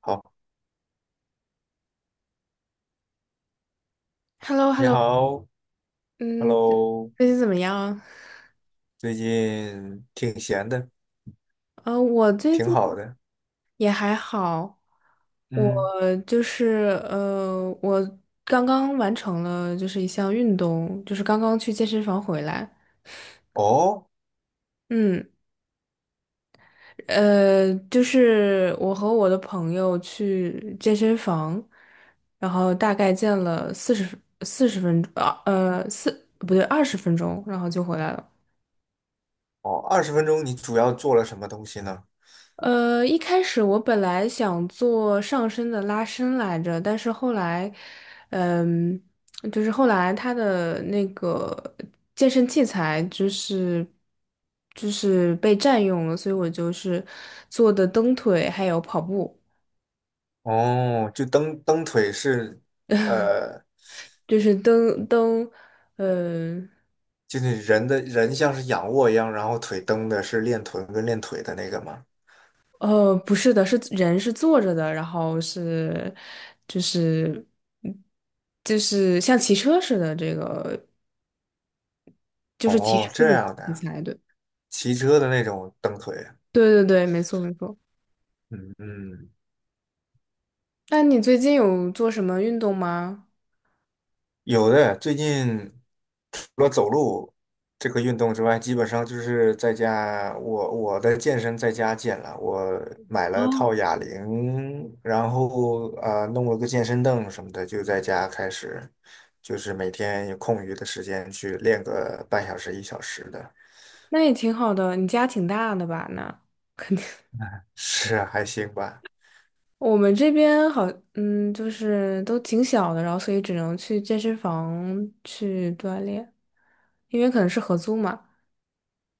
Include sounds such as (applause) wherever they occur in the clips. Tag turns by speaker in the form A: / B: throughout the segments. A: 好，
B: h e l l o h e l
A: 你
B: l o
A: 好
B: 嗯，
A: ，Hello，
B: 最近怎么样？
A: 最近挺闲的，
B: 我最
A: 挺
B: 近
A: 好的。
B: 也还好，我
A: 嗯，
B: 就是呃，我刚刚完成了就是一项运动，就是刚刚去健身房回来。
A: 哦，
B: 嗯，就是我和我的朋友去健身房，然后大概健了40分钟，四不对，20分钟，然后就回来了。
A: 哦，20分钟你主要做了什么东西呢？
B: 一开始我本来想做上身的拉伸来着，但是后来，嗯，就是后来他的那个健身器材就是被占用了，所以我就是做的蹬腿还有跑步，
A: 哦，就蹬蹬腿是，
B: (laughs)
A: 呃，
B: 就是蹬蹬，呃
A: 就是人像是仰卧一样，然后腿蹬的是练臀跟练腿的那个吗？
B: 不是的，是人是坐着的，然后是就是嗯就是像骑车似的这个。就是骑
A: 哦，
B: 车
A: 这
B: 的
A: 样的
B: 题
A: 啊，
B: 材的。
A: 骑车的那种蹬腿。
B: 对对对，没错没错。
A: 嗯嗯，
B: 那你最近有做什么运动吗？
A: 有的，最近除了走路这个运动之外，基本上就是在家，我的健身在家健了。我买了套哑铃，然后弄了个健身凳什么的，就在家开始，就是每天有空余的时间去练个半小时一小时的，
B: 那也挺好的，你家挺大的吧？那肯定，
A: 是啊还行吧。
B: (laughs) 我们这边好，就是都挺小的，然后所以只能去健身房去锻炼，因为可能是合租嘛。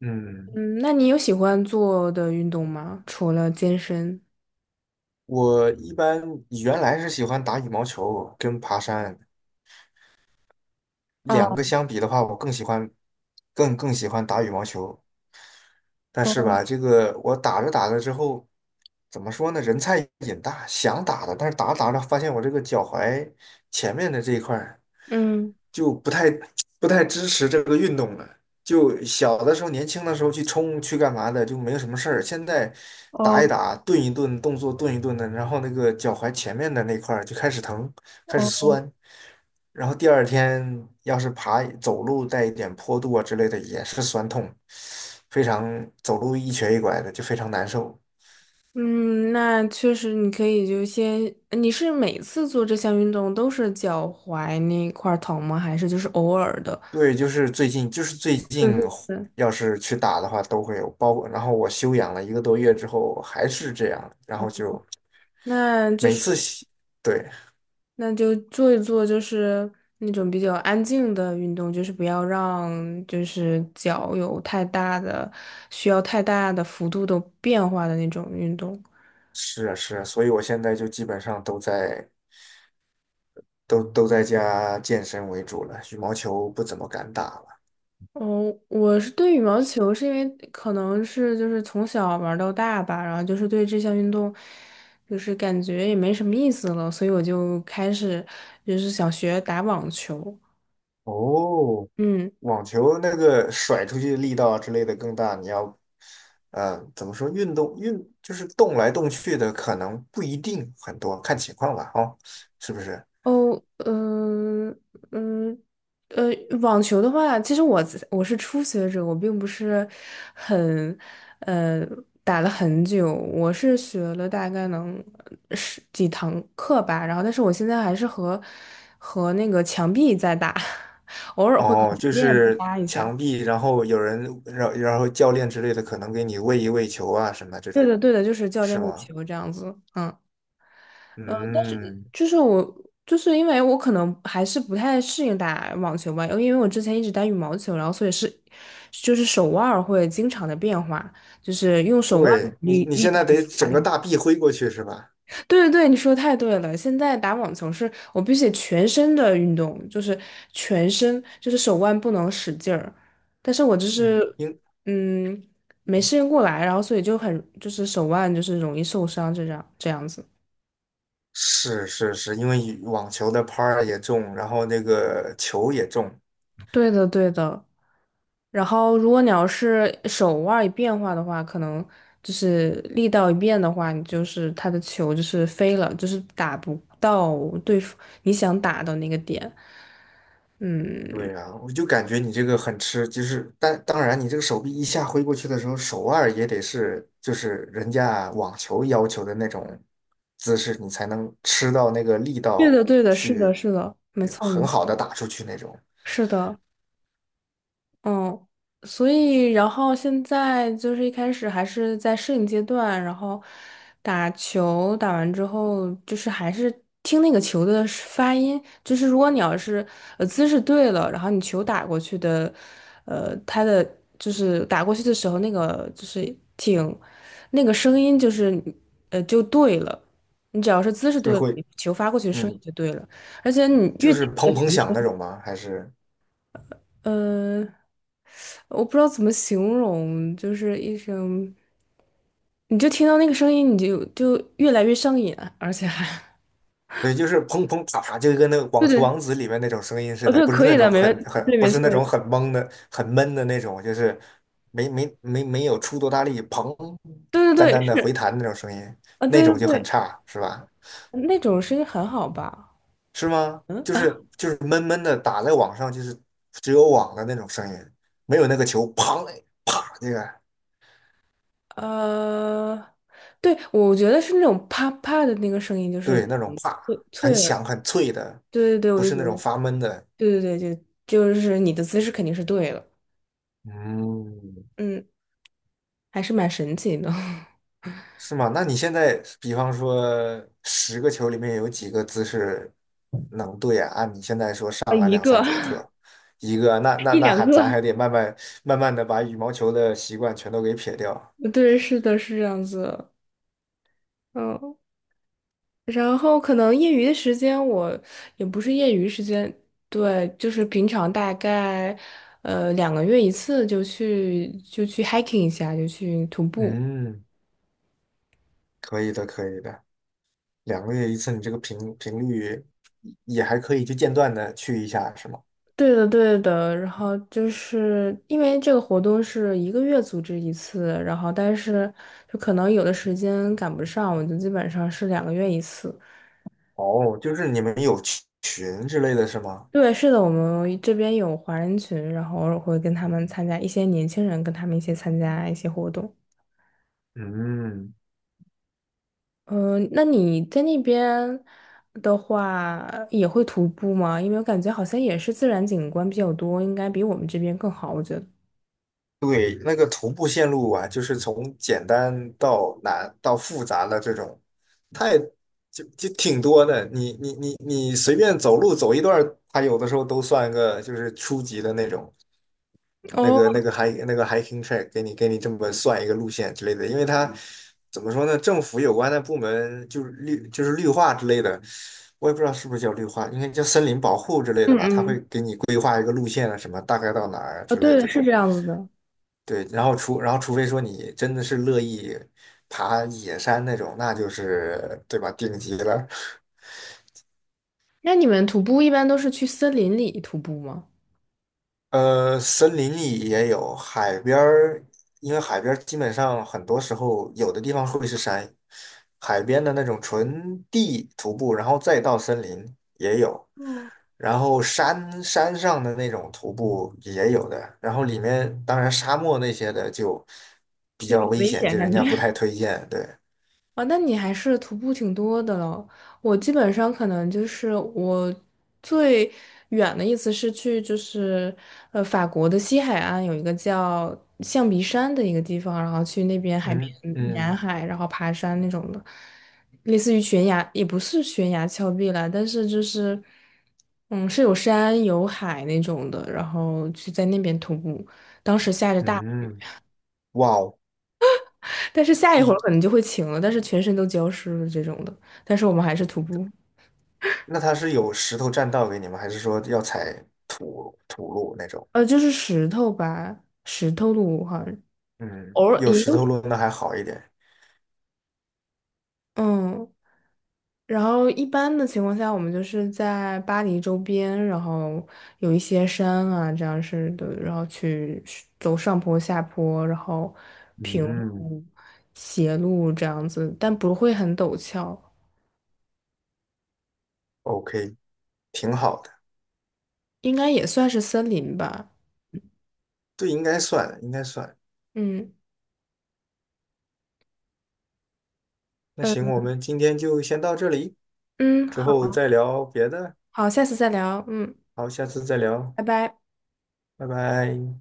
A: 嗯，
B: 嗯，那你有喜欢做的运动吗？除了健身？
A: 我一般原来是喜欢打羽毛球跟爬山，两
B: 哦
A: 个相比的话，我更更喜欢打羽毛球。但是
B: 哦，
A: 吧，这个我打着打着之后，怎么说呢？人菜瘾大，想打的，但是打着打着发现我这个脚踝前面的这一块儿
B: 嗯，
A: 就不太 (tsk) 不太支持这个运动了。就小的时候，年轻的时候去冲去干嘛的，就没有什么事儿。现在打一
B: 哦
A: 打，顿一顿，动作顿一顿的，然后那个脚踝前面的那块儿就开始疼，开始
B: 哦。
A: 酸。然后第二天要是走路带一点坡度啊之类的，也是酸痛，非常走路一瘸一拐的，就非常难受。
B: 嗯，那确实，你可以就先，你是每次做这项运动都是脚踝那块儿疼吗？还是就是偶尔的？
A: 对，就是最近，就是最
B: 对
A: 近，
B: 对对。
A: 要是去打的话都会有，包括然后我休养了一个多月之后还是这样，然后就
B: 那就
A: 每
B: 是
A: 次洗，对，
B: 那就做一做，就是那种比较安静的运动，就是不要让就是脚有太大的需要太大的幅度的变化的那种运动。
A: 是啊是啊，所以我现在就基本上都在家健身为主了，羽毛球不怎么敢打了。
B: 哦，我是对羽毛球，是因为可能是就是从小玩到大吧，然后就是对这项运动，就是感觉也没什么意思了，所以我就开始就是想学打网球。
A: 哦，
B: 嗯。
A: 网球那个甩出去力道啊之类的更大，你要，怎么说运动就是动来动去的，可能不一定很多，看情况吧，哦，是不是？
B: 哦，嗯嗯，呃，网球的话，其实我是初学者，我并不是很呃打了很久，我是学了大概能十几堂课吧，然后但是我现在还是和那个墙壁在打，(laughs) 偶尔会和
A: 哦，
B: 教
A: 就
B: 练对
A: 是
B: 搭一下。
A: 墙壁，然后有人，然后教练之类的，可能给你喂一喂球啊什么这
B: 对
A: 种，
B: 的，对的，就是教
A: 是
B: 练为
A: 吗？
B: 球这样子，嗯。
A: 嗯，
B: 就是我，就是因为我可能还是不太适应打网球吧，因为我之前一直打羽毛球，然后所以是，就是手腕儿会经常的变化，就是用手腕
A: 对，你你
B: 力
A: 现
B: 道
A: 在得
B: 去打
A: 整
B: 那
A: 个
B: 个。
A: 大臂挥过去是吧？
B: 对对对，你说得太对了。现在打网球是我必须得全身的运动，就是全身，就是手腕不能使劲儿。但是我就
A: 嗯，
B: 是，
A: 应
B: 嗯，没适应过来，然后所以就很，就是手腕就是容易受伤，这样子。
A: 是是是，因为网球的拍儿也重，然后那个球也重，
B: 对的对的。然后，如果你要是手腕儿一变化的话，可能就是力道一变的话，你就是他的球就是飞了，就是打不到对付你想打的那个点。嗯，
A: 对呀，我就感觉你这个很吃，就是但当然，你这个手臂一下挥过去的时候，手腕也得是就是人家网球要求的那种姿势，你才能吃到那个力
B: 对的，
A: 道
B: 对的，是的，
A: 去
B: 是的，没错，
A: 很
B: 没
A: 好
B: 错，
A: 的打出去那种，
B: 是的。嗯，所以然后现在就是一开始还是在适应阶段，然后打球打完之后，就是还是听那个球的是发音，就是如果你要是姿势对了，然后你球打过去的，它的就是打过去的时候那个就是挺那个声音就是就对了，你只要是姿势
A: 是
B: 对了，你
A: 会
B: 球发过去的声音
A: 嗯，
B: 就对了，而且你
A: 就
B: 越，
A: 是
B: 听那
A: 砰
B: 个
A: 砰响那
B: 球
A: 种吗？还是？
B: 呃，我不知道怎么形容，就是一声，你就听到那个声音，你就越来越上瘾啊，而且还，
A: 对，就是砰砰啪啪，就跟那个《网
B: 对
A: 球王
B: 对，
A: 子》里面那种声音似
B: 哦
A: 的，
B: 对，
A: 不是
B: 可
A: 那
B: 以的，
A: 种
B: 没
A: 很
B: 问，对，
A: 很，不
B: 没
A: 是
B: 错，
A: 那
B: 没错
A: 种很懵的、很闷的那种，就是没有出多大力，砰，
B: 对
A: 单
B: 对对，
A: 单的
B: 是
A: 回弹那种声音，
B: 啊，
A: 那
B: 对对
A: 种就很
B: 对，
A: 差，是吧？
B: 那种声音很好吧？
A: 是吗？
B: 嗯 (laughs)，
A: 就是闷闷的打在网上，就是只有网的那种声音，没有那个球砰那个
B: 呃，对，我觉得是那种啪啪的那个声音，就是
A: 对那种啪，
B: 脆
A: 很
B: 脆
A: 响
B: 耳，
A: 很脆的，
B: 对对对，我
A: 不
B: 就
A: 是
B: 觉
A: 那种
B: 得，
A: 发闷的。
B: 对对对，就是你的姿势肯定是对了，
A: 嗯，
B: 嗯，还是蛮神奇的。(laughs)
A: 是吗？那你现在，比方说10个球里面有几个姿势能对啊？按你现在说上
B: 啊，一个
A: 课一个，那
B: (laughs)
A: 那
B: 一
A: 那
B: 两
A: 还咱
B: 个，
A: 还得慢慢的把羽毛球的习惯全都给撇掉。
B: 对，是的，是这样子。嗯，然后可能业余的时间我也不是业余时间，对，就是平常大概两个月一次就去 hiking 一下，就去徒步。
A: 嗯，可以的，可以的。2个月一次，你这个频率也还可以，就间断的去一下，是吗？
B: 对的，对的。然后就是因为这个活动是1个月组织一次，然后但是就可能有的时间赶不上，我就基本上是两个月一次。
A: 哦，就是你们有群之类的是吗？
B: 对，是的，我们这边有华人群，然后偶尔会跟他们参加一些年轻人跟他们一起参加一些活动。
A: 嗯，
B: 嗯、那你在那边的话也会徒步吗？因为我感觉好像也是自然景观比较多，应该比我们这边更好，我觉得。
A: 对，那个徒步线路啊，就是从简单到难到复杂的这种，太就挺多的。你随便走路走一段儿，它有的时候都算个就是初级的那种那
B: 哦，
A: 个那个还那个 hiking track，给你这么算一个路线之类的。因为它怎么说呢，政府有关的部门就是绿化之类的，我也不知道是不是叫绿化，应该叫森林保护之类的
B: 嗯
A: 吧。它会
B: 嗯，
A: 给你规划一个路线啊，什么大概到哪儿啊
B: 哦，
A: 之类
B: 对
A: 的
B: 的，
A: 这
B: 是这
A: 种。
B: 样子的。
A: 对，然后除非说你真的是乐意爬野山那种，那就是对吧，顶级了。
B: 那你们徒步一般都是去森林里徒步吗？
A: 森林里也有，海边儿，因为海边儿基本上很多时候有的地方会是山，海边的那种纯地徒步，然后再到森林也有，
B: 哦，
A: 然后山上的那种徒步也有的，然后里面当然沙漠那些的就比
B: 就有
A: 较
B: 点
A: 危
B: 危
A: 险，
B: 险
A: 就人
B: 感觉。
A: 家不太推荐，对。
B: 啊，那你还是徒步挺多的了。我基本上可能就是我最远的意思是去就是法国的西海岸有一个叫象鼻山的一个地方，然后去那边海边
A: 嗯
B: 沿
A: 嗯
B: 海，然后爬山那种的，类似于悬崖，也不是悬崖峭壁啦，但是就是是有山有海那种的，然后去在那边徒步，当时下着大雨。
A: 嗯，哇哦，
B: 但是下一会儿
A: 你
B: 可能就会晴了，但是全身都浇湿了这种的。但是我们还是徒步，
A: 那它是有石头栈道给你吗？还是说要踩土路那种？
B: 就是石头吧，石头路好像
A: 嗯，
B: 偶尔
A: 有
B: 也
A: 石
B: 有，
A: 头路那还好一点。
B: 嗯。然后一般的情况下，我们就是在巴黎周边，然后有一些山啊，这样式的，然后去是走上坡、下坡，然后平
A: 嗯
B: 路、斜路这样子，但不会很陡峭，
A: ，OK，挺好的。
B: 应该也算是森林吧。
A: 对，应该算，应该算。
B: 嗯
A: 那行，
B: 嗯
A: 我们今天就先到这里，
B: 嗯，
A: 之后
B: 好
A: 再聊别的。
B: 好，下次再聊。嗯。
A: 好，下次再聊，
B: 拜拜。
A: 拜拜。